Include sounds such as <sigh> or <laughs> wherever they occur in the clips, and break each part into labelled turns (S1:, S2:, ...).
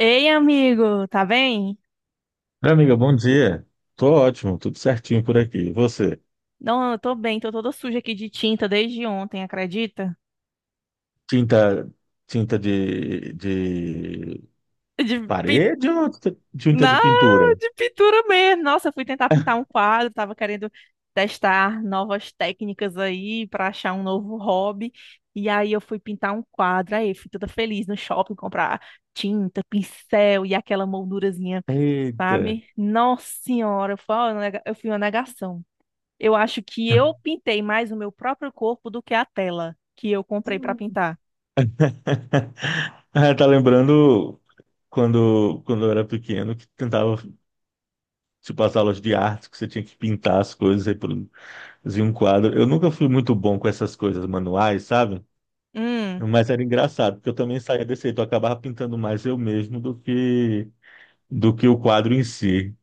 S1: Ei, amigo, tá bem?
S2: Oi, amiga, bom dia. Tô ótimo, tudo certinho por aqui. E você?
S1: Não, eu tô bem, tô toda suja aqui de tinta desde ontem, acredita?
S2: Tinta, tinta de
S1: <laughs> De pi...
S2: parede ou tinta de
S1: Não,
S2: pintura?
S1: de pintura mesmo. Nossa, eu fui tentar pintar um quadro, tava querendo testar novas técnicas aí pra achar um novo hobby. E aí eu fui pintar um quadro, aí eu fui toda feliz no shopping comprar tinta, pincel e aquela moldurazinha,
S2: Eita.
S1: sabe? Nossa senhora, eu fui uma negação. Eu acho que eu pintei mais o meu próprio corpo do que a tela que eu comprei para pintar.
S2: <laughs> Ah, tá lembrando quando eu era pequeno que tentava, tipo, as aulas de arte, que você tinha que pintar as coisas e produzir um quadro. Eu nunca fui muito bom com essas coisas manuais, sabe? Mas era engraçado, porque eu também saía desse jeito, eu acabava pintando mais eu mesmo do que o quadro em si.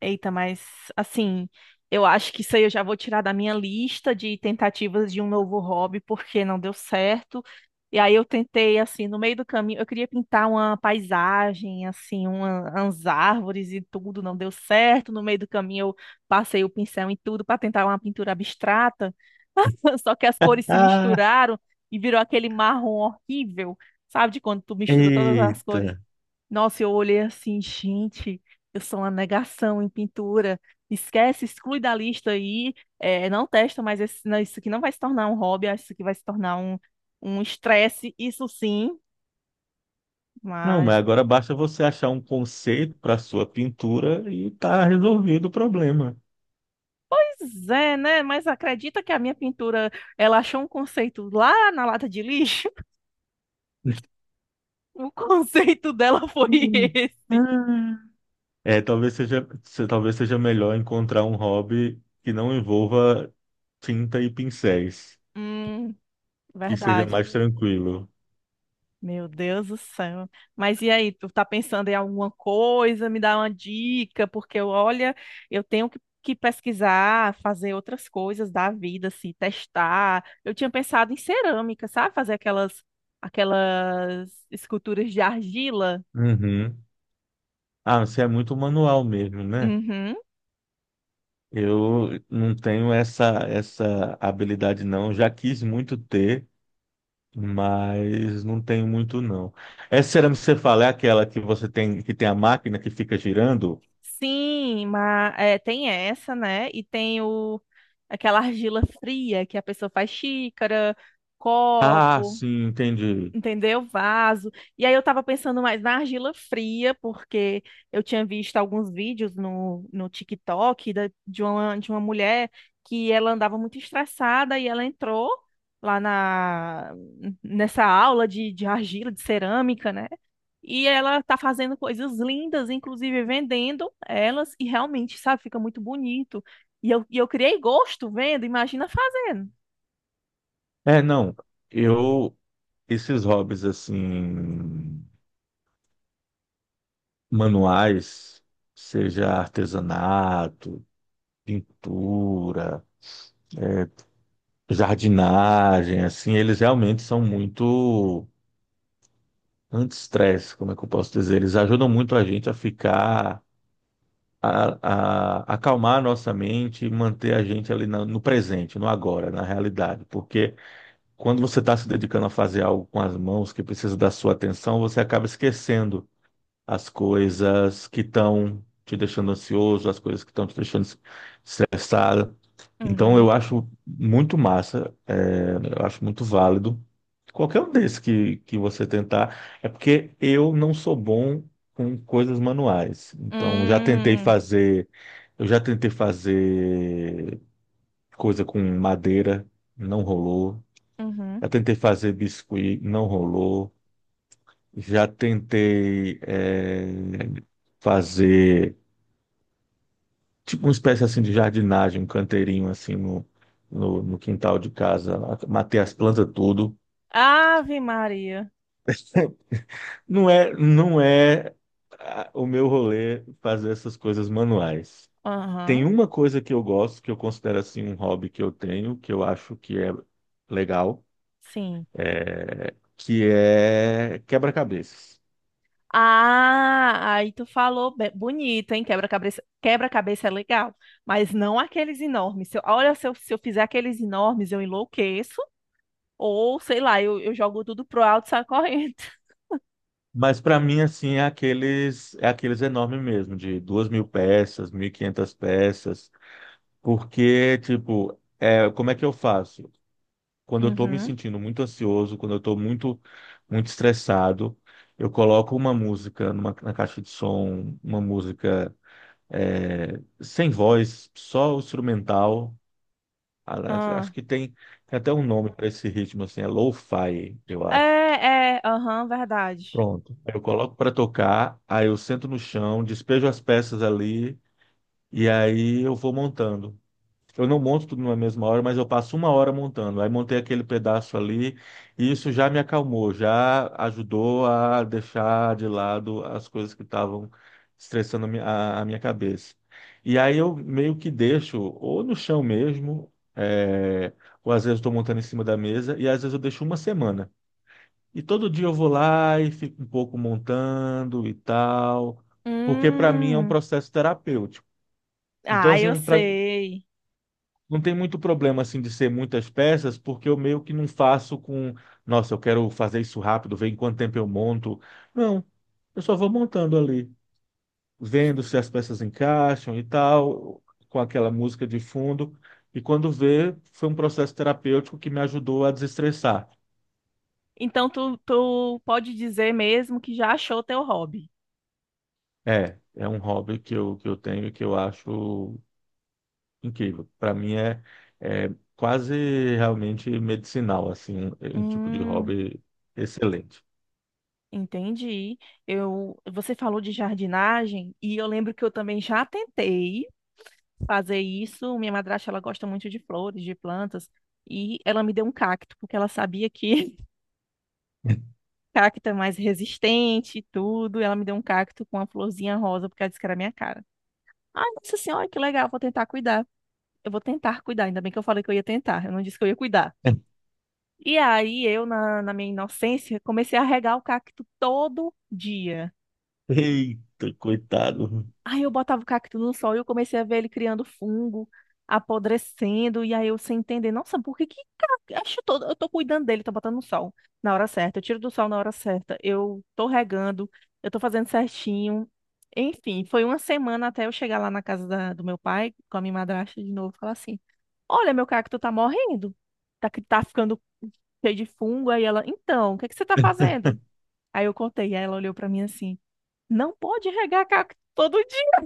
S1: Eita, mas assim, eu acho que isso aí eu já vou tirar da minha lista de tentativas de um novo hobby, porque não deu certo. E aí eu tentei, assim, no meio do caminho, eu queria pintar uma paisagem, assim, umas árvores e tudo, não deu certo. No meio do caminho eu passei o pincel em tudo para tentar uma pintura abstrata, <laughs> só que as cores se
S2: Ah,
S1: misturaram e virou aquele marrom horrível, sabe, de quando tu mistura todas as cores.
S2: eita.
S1: Nossa, eu olhei assim, gente, eu sou uma negação em pintura. Esquece, exclui da lista aí. É não testa, mas não, isso aqui não vai se tornar um hobby, acho que isso aqui vai se tornar um estresse, isso sim.
S2: Não, mas
S1: Mas,
S2: agora basta você achar um conceito para sua pintura e tá resolvido o problema.
S1: pois é, né? Mas acredita que a minha pintura, ela achou um conceito lá na lata de lixo? <laughs>
S2: <laughs>
S1: O conceito dela foi
S2: Hum.
S1: esse.
S2: Ah. É, talvez seja, talvez seja melhor encontrar um hobby que não envolva tinta e pincéis,
S1: Hum,
S2: que seja
S1: verdade.
S2: mais tranquilo.
S1: Meu Deus do céu. Mas e aí, tu tá pensando em alguma coisa? Me dá uma dica, porque eu, olha, eu tenho que pesquisar, fazer outras coisas da vida, assim, testar. Eu tinha pensado em cerâmica, sabe? Fazer aquelas esculturas de argila.
S2: Uhum. Ah, você é muito manual mesmo, né?
S1: Uhum.
S2: Eu não tenho essa habilidade não, já quis muito ter, mas não tenho muito, não. Essa cerâmica que você fala é aquela que você tem, que tem a máquina que fica girando?
S1: Sim, mas é, tem essa, né? E tem aquela argila fria que a pessoa faz xícara,
S2: Ah,
S1: copo,
S2: sim, entendi.
S1: entendeu? Vaso. E aí eu tava pensando mais na argila fria, porque eu tinha visto alguns vídeos no TikTok de de uma mulher que ela andava muito estressada e ela entrou lá na, nessa aula de argila, de cerâmica, né? E ela tá fazendo coisas lindas, inclusive vendendo elas, e realmente, sabe, fica muito bonito. E eu criei gosto vendo, imagina fazendo.
S2: É, não. Eu, esses hobbies assim, manuais, seja artesanato, pintura, jardinagem, assim, eles realmente são muito anti-estresse, como é que eu posso dizer? Eles ajudam muito a gente a ficar a, acalmar a nossa mente e manter a gente no presente, no agora, na realidade. Porque quando você está se dedicando a fazer algo com as mãos que precisa da sua atenção, você acaba esquecendo as coisas que estão te deixando ansioso, as coisas que estão te deixando estressado. Então, eu
S1: Uhum.
S2: acho muito massa, é, eu acho muito válido. Qualquer um desses que você tentar, é porque eu não sou bom com coisas manuais. Então,
S1: Hum,
S2: eu já tentei fazer coisa com madeira, não rolou.
S1: uhum.
S2: Já tentei fazer biscuit, não rolou. Já tentei fazer tipo uma espécie assim de jardinagem, um canteirinho no quintal de casa, matei as plantas tudo.
S1: Ave Maria.
S2: Não é o meu rolê fazer essas coisas manuais. Tem
S1: Aham,
S2: uma coisa que eu gosto, que eu considero assim um hobby que eu tenho, que eu acho que é legal,
S1: sim.
S2: que é quebra-cabeças.
S1: Ah, aí tu falou bonito, hein? Quebra-cabeça, quebra-cabeça é legal, mas não aqueles enormes. Se eu- olha, se eu fizer aqueles enormes, eu enlouqueço, ou sei lá, eu jogo tudo pro alto e saio correndo. <laughs>
S2: Mas para mim, assim, é aqueles enormes mesmo, de 2.000 peças, 1.500 peças, porque, tipo, é, como é que eu faço? Quando eu estou me
S1: Uhum.
S2: sentindo muito ansioso, quando eu estou muito estressado, eu coloco uma na caixa de som, uma música é, sem voz, só o instrumental.
S1: Ah.
S2: Acho que tem até um nome para esse ritmo, assim, é lo-fi, eu
S1: É,
S2: acho.
S1: é, aham, verdade.
S2: Pronto. Aí eu coloco para tocar, aí eu sento no chão, despejo as peças ali e aí eu vou montando. Eu não monto tudo na mesma hora, mas eu passo uma hora montando. Aí montei aquele pedaço ali e isso já me acalmou, já ajudou a deixar de lado as coisas que estavam estressando a minha cabeça. E aí eu meio que deixo ou no chão mesmo, é, ou às vezes estou montando em cima da mesa e às vezes eu deixo uma semana. E todo dia eu vou lá e fico um pouco montando e tal, porque para mim é um
S1: Hum.
S2: processo terapêutico. Então,
S1: Ah, eu
S2: assim,
S1: sei.
S2: não tem muito problema assim de ser muitas peças, porque eu meio que não faço com, nossa, eu quero fazer isso rápido, ver em quanto tempo eu monto. Não, eu só vou montando ali, vendo se as peças encaixam e tal, com aquela música de fundo. E quando vê, foi um processo terapêutico que me ajudou a desestressar.
S1: Então tu pode dizer mesmo que já achou teu hobby.
S2: É, é um hobby que eu tenho e que eu acho incrível. Para mim é quase realmente medicinal, assim, um tipo de
S1: Hum.
S2: hobby excelente.
S1: Entendi. Eu, você falou de jardinagem e eu lembro que eu também já tentei fazer isso. Minha madrasta, ela gosta muito de flores, de plantas, e ela me deu um cacto, porque ela sabia que <laughs> cacto é mais resistente e tudo. Ela me deu um cacto com uma florzinha rosa, porque ela disse que era a minha cara. Ai, nossa senhora, que legal, vou tentar cuidar. Eu vou tentar cuidar, ainda bem que eu falei que eu ia tentar, eu não disse que eu ia cuidar.
S2: <laughs>
S1: E aí eu, na minha inocência, comecei a regar o cacto todo dia.
S2: Eita, coitado.
S1: Aí eu botava o cacto no sol e eu comecei a ver ele criando fungo, apodrecendo, e aí eu sem entender, nossa, por que que ca- acho todo, eu tô cuidando dele, tô botando no sol na hora certa, eu tiro do sol na hora certa, eu tô regando, eu tô fazendo certinho. Enfim, foi uma semana até eu chegar lá na do meu pai, com a minha madrasta de novo, e falar assim: "Olha, meu cacto tá morrendo. Tá que tá ficando cheio de fungo". Aí ela: "Então, o que que você tá fazendo?". Aí eu contei, aí ela olhou pra mim assim: "Não pode regar cacto todo dia".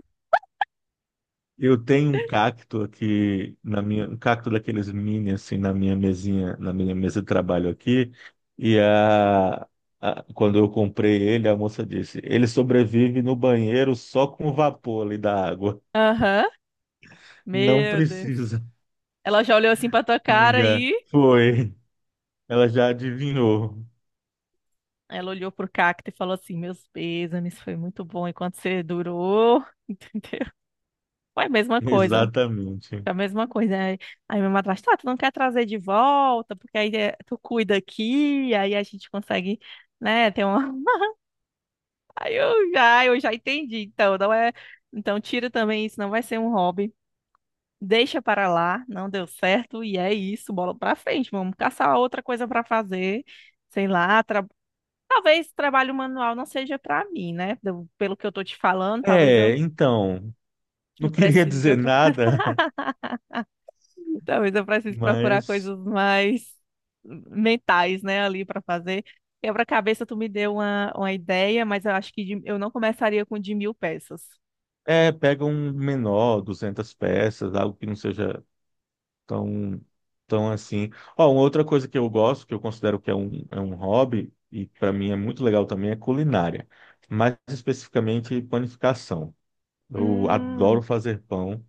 S2: Eu tenho um cacto aqui na minha, um cacto daqueles mini assim na minha mesinha, na minha mesa de trabalho aqui, e quando eu comprei ele, a moça disse: "Ele sobrevive no banheiro só com o vapor ali da água.
S1: Aham.
S2: Não
S1: Meu Deus.
S2: precisa."
S1: Ela já olhou assim pra tua
S2: <laughs>
S1: cara
S2: Amiga,
S1: e
S2: foi. Ela já adivinhou.
S1: ela olhou pro cacto e falou assim: Meus pêsames, foi muito bom enquanto você durou. <laughs> Entendeu? Foi a
S2: <laughs>
S1: mesma coisa.
S2: Exatamente.
S1: Foi a mesma coisa. Aí minha madrasta, tá, tu não quer trazer de volta, porque aí é, tu cuida aqui, aí a gente consegue, né, ter uma. <laughs> Eu já entendi. Então, não é. Então, tira também isso, não vai ser um hobby. Deixa para lá, não deu certo, e é isso, bola pra frente. Vamos caçar outra coisa pra fazer sei lá, talvez trabalho manual não seja para mim, né? Pelo que eu tô te falando,
S2: É, então, não
S1: eu
S2: queria
S1: precise de
S2: dizer
S1: outra <laughs> coisa.
S2: nada,
S1: Talvez eu
S2: <laughs>
S1: precise procurar
S2: mas
S1: coisas mais mentais, né, ali para fazer. Quebra-cabeça, tu me deu uma ideia, mas eu acho eu não começaria com de 1000 peças.
S2: pega um menor, 200 peças, algo que não seja tão, tão assim. Ó, uma outra coisa que eu gosto, que eu considero que é um hobby, e para mim é muito legal também, é culinária. Mais especificamente, panificação. Eu adoro
S1: Hum,
S2: fazer pão.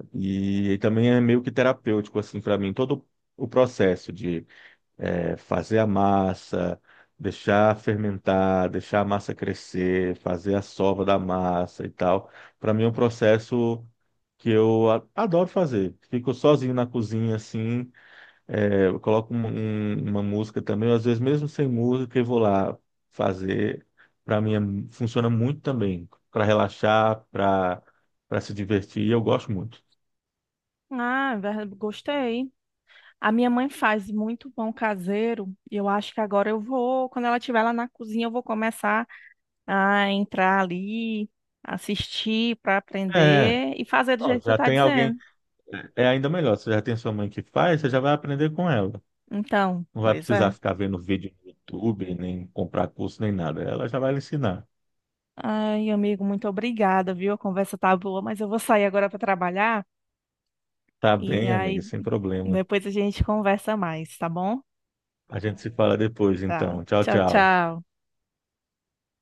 S2: É, e também é meio que terapêutico assim para mim todo o processo de fazer a massa, deixar fermentar, deixar a massa crescer, fazer a sova da massa e tal. Para mim é um processo que eu adoro fazer. Fico sozinho na cozinha assim, eu coloco uma música também, às vezes mesmo sem música eu vou lá fazer. Para mim funciona muito também para relaxar, para se divertir. Eu gosto muito.
S1: ah, gostei. A minha mãe faz muito pão caseiro e eu acho que agora eu vou, quando ela estiver lá na cozinha, eu vou começar a entrar ali, assistir para
S2: É,
S1: aprender e fazer do
S2: ó,
S1: jeito que tu
S2: já
S1: tá
S2: tem alguém,
S1: dizendo.
S2: é ainda melhor. Você já tem sua mãe que faz, você já vai aprender com ela.
S1: Então,
S2: Não vai
S1: pois
S2: precisar
S1: é.
S2: ficar vendo vídeo no YouTube, nem comprar curso, nem nada. Ela já vai lhe ensinar.
S1: Ai, amigo, muito obrigada, viu? A conversa tá boa, mas eu vou sair agora para trabalhar
S2: Tá
S1: e
S2: bem, amiga,
S1: aí
S2: sem problema.
S1: depois a gente conversa mais, tá bom?
S2: A gente se fala depois,
S1: Tá.
S2: então. Tchau,
S1: Tchau,
S2: tchau.
S1: tchau.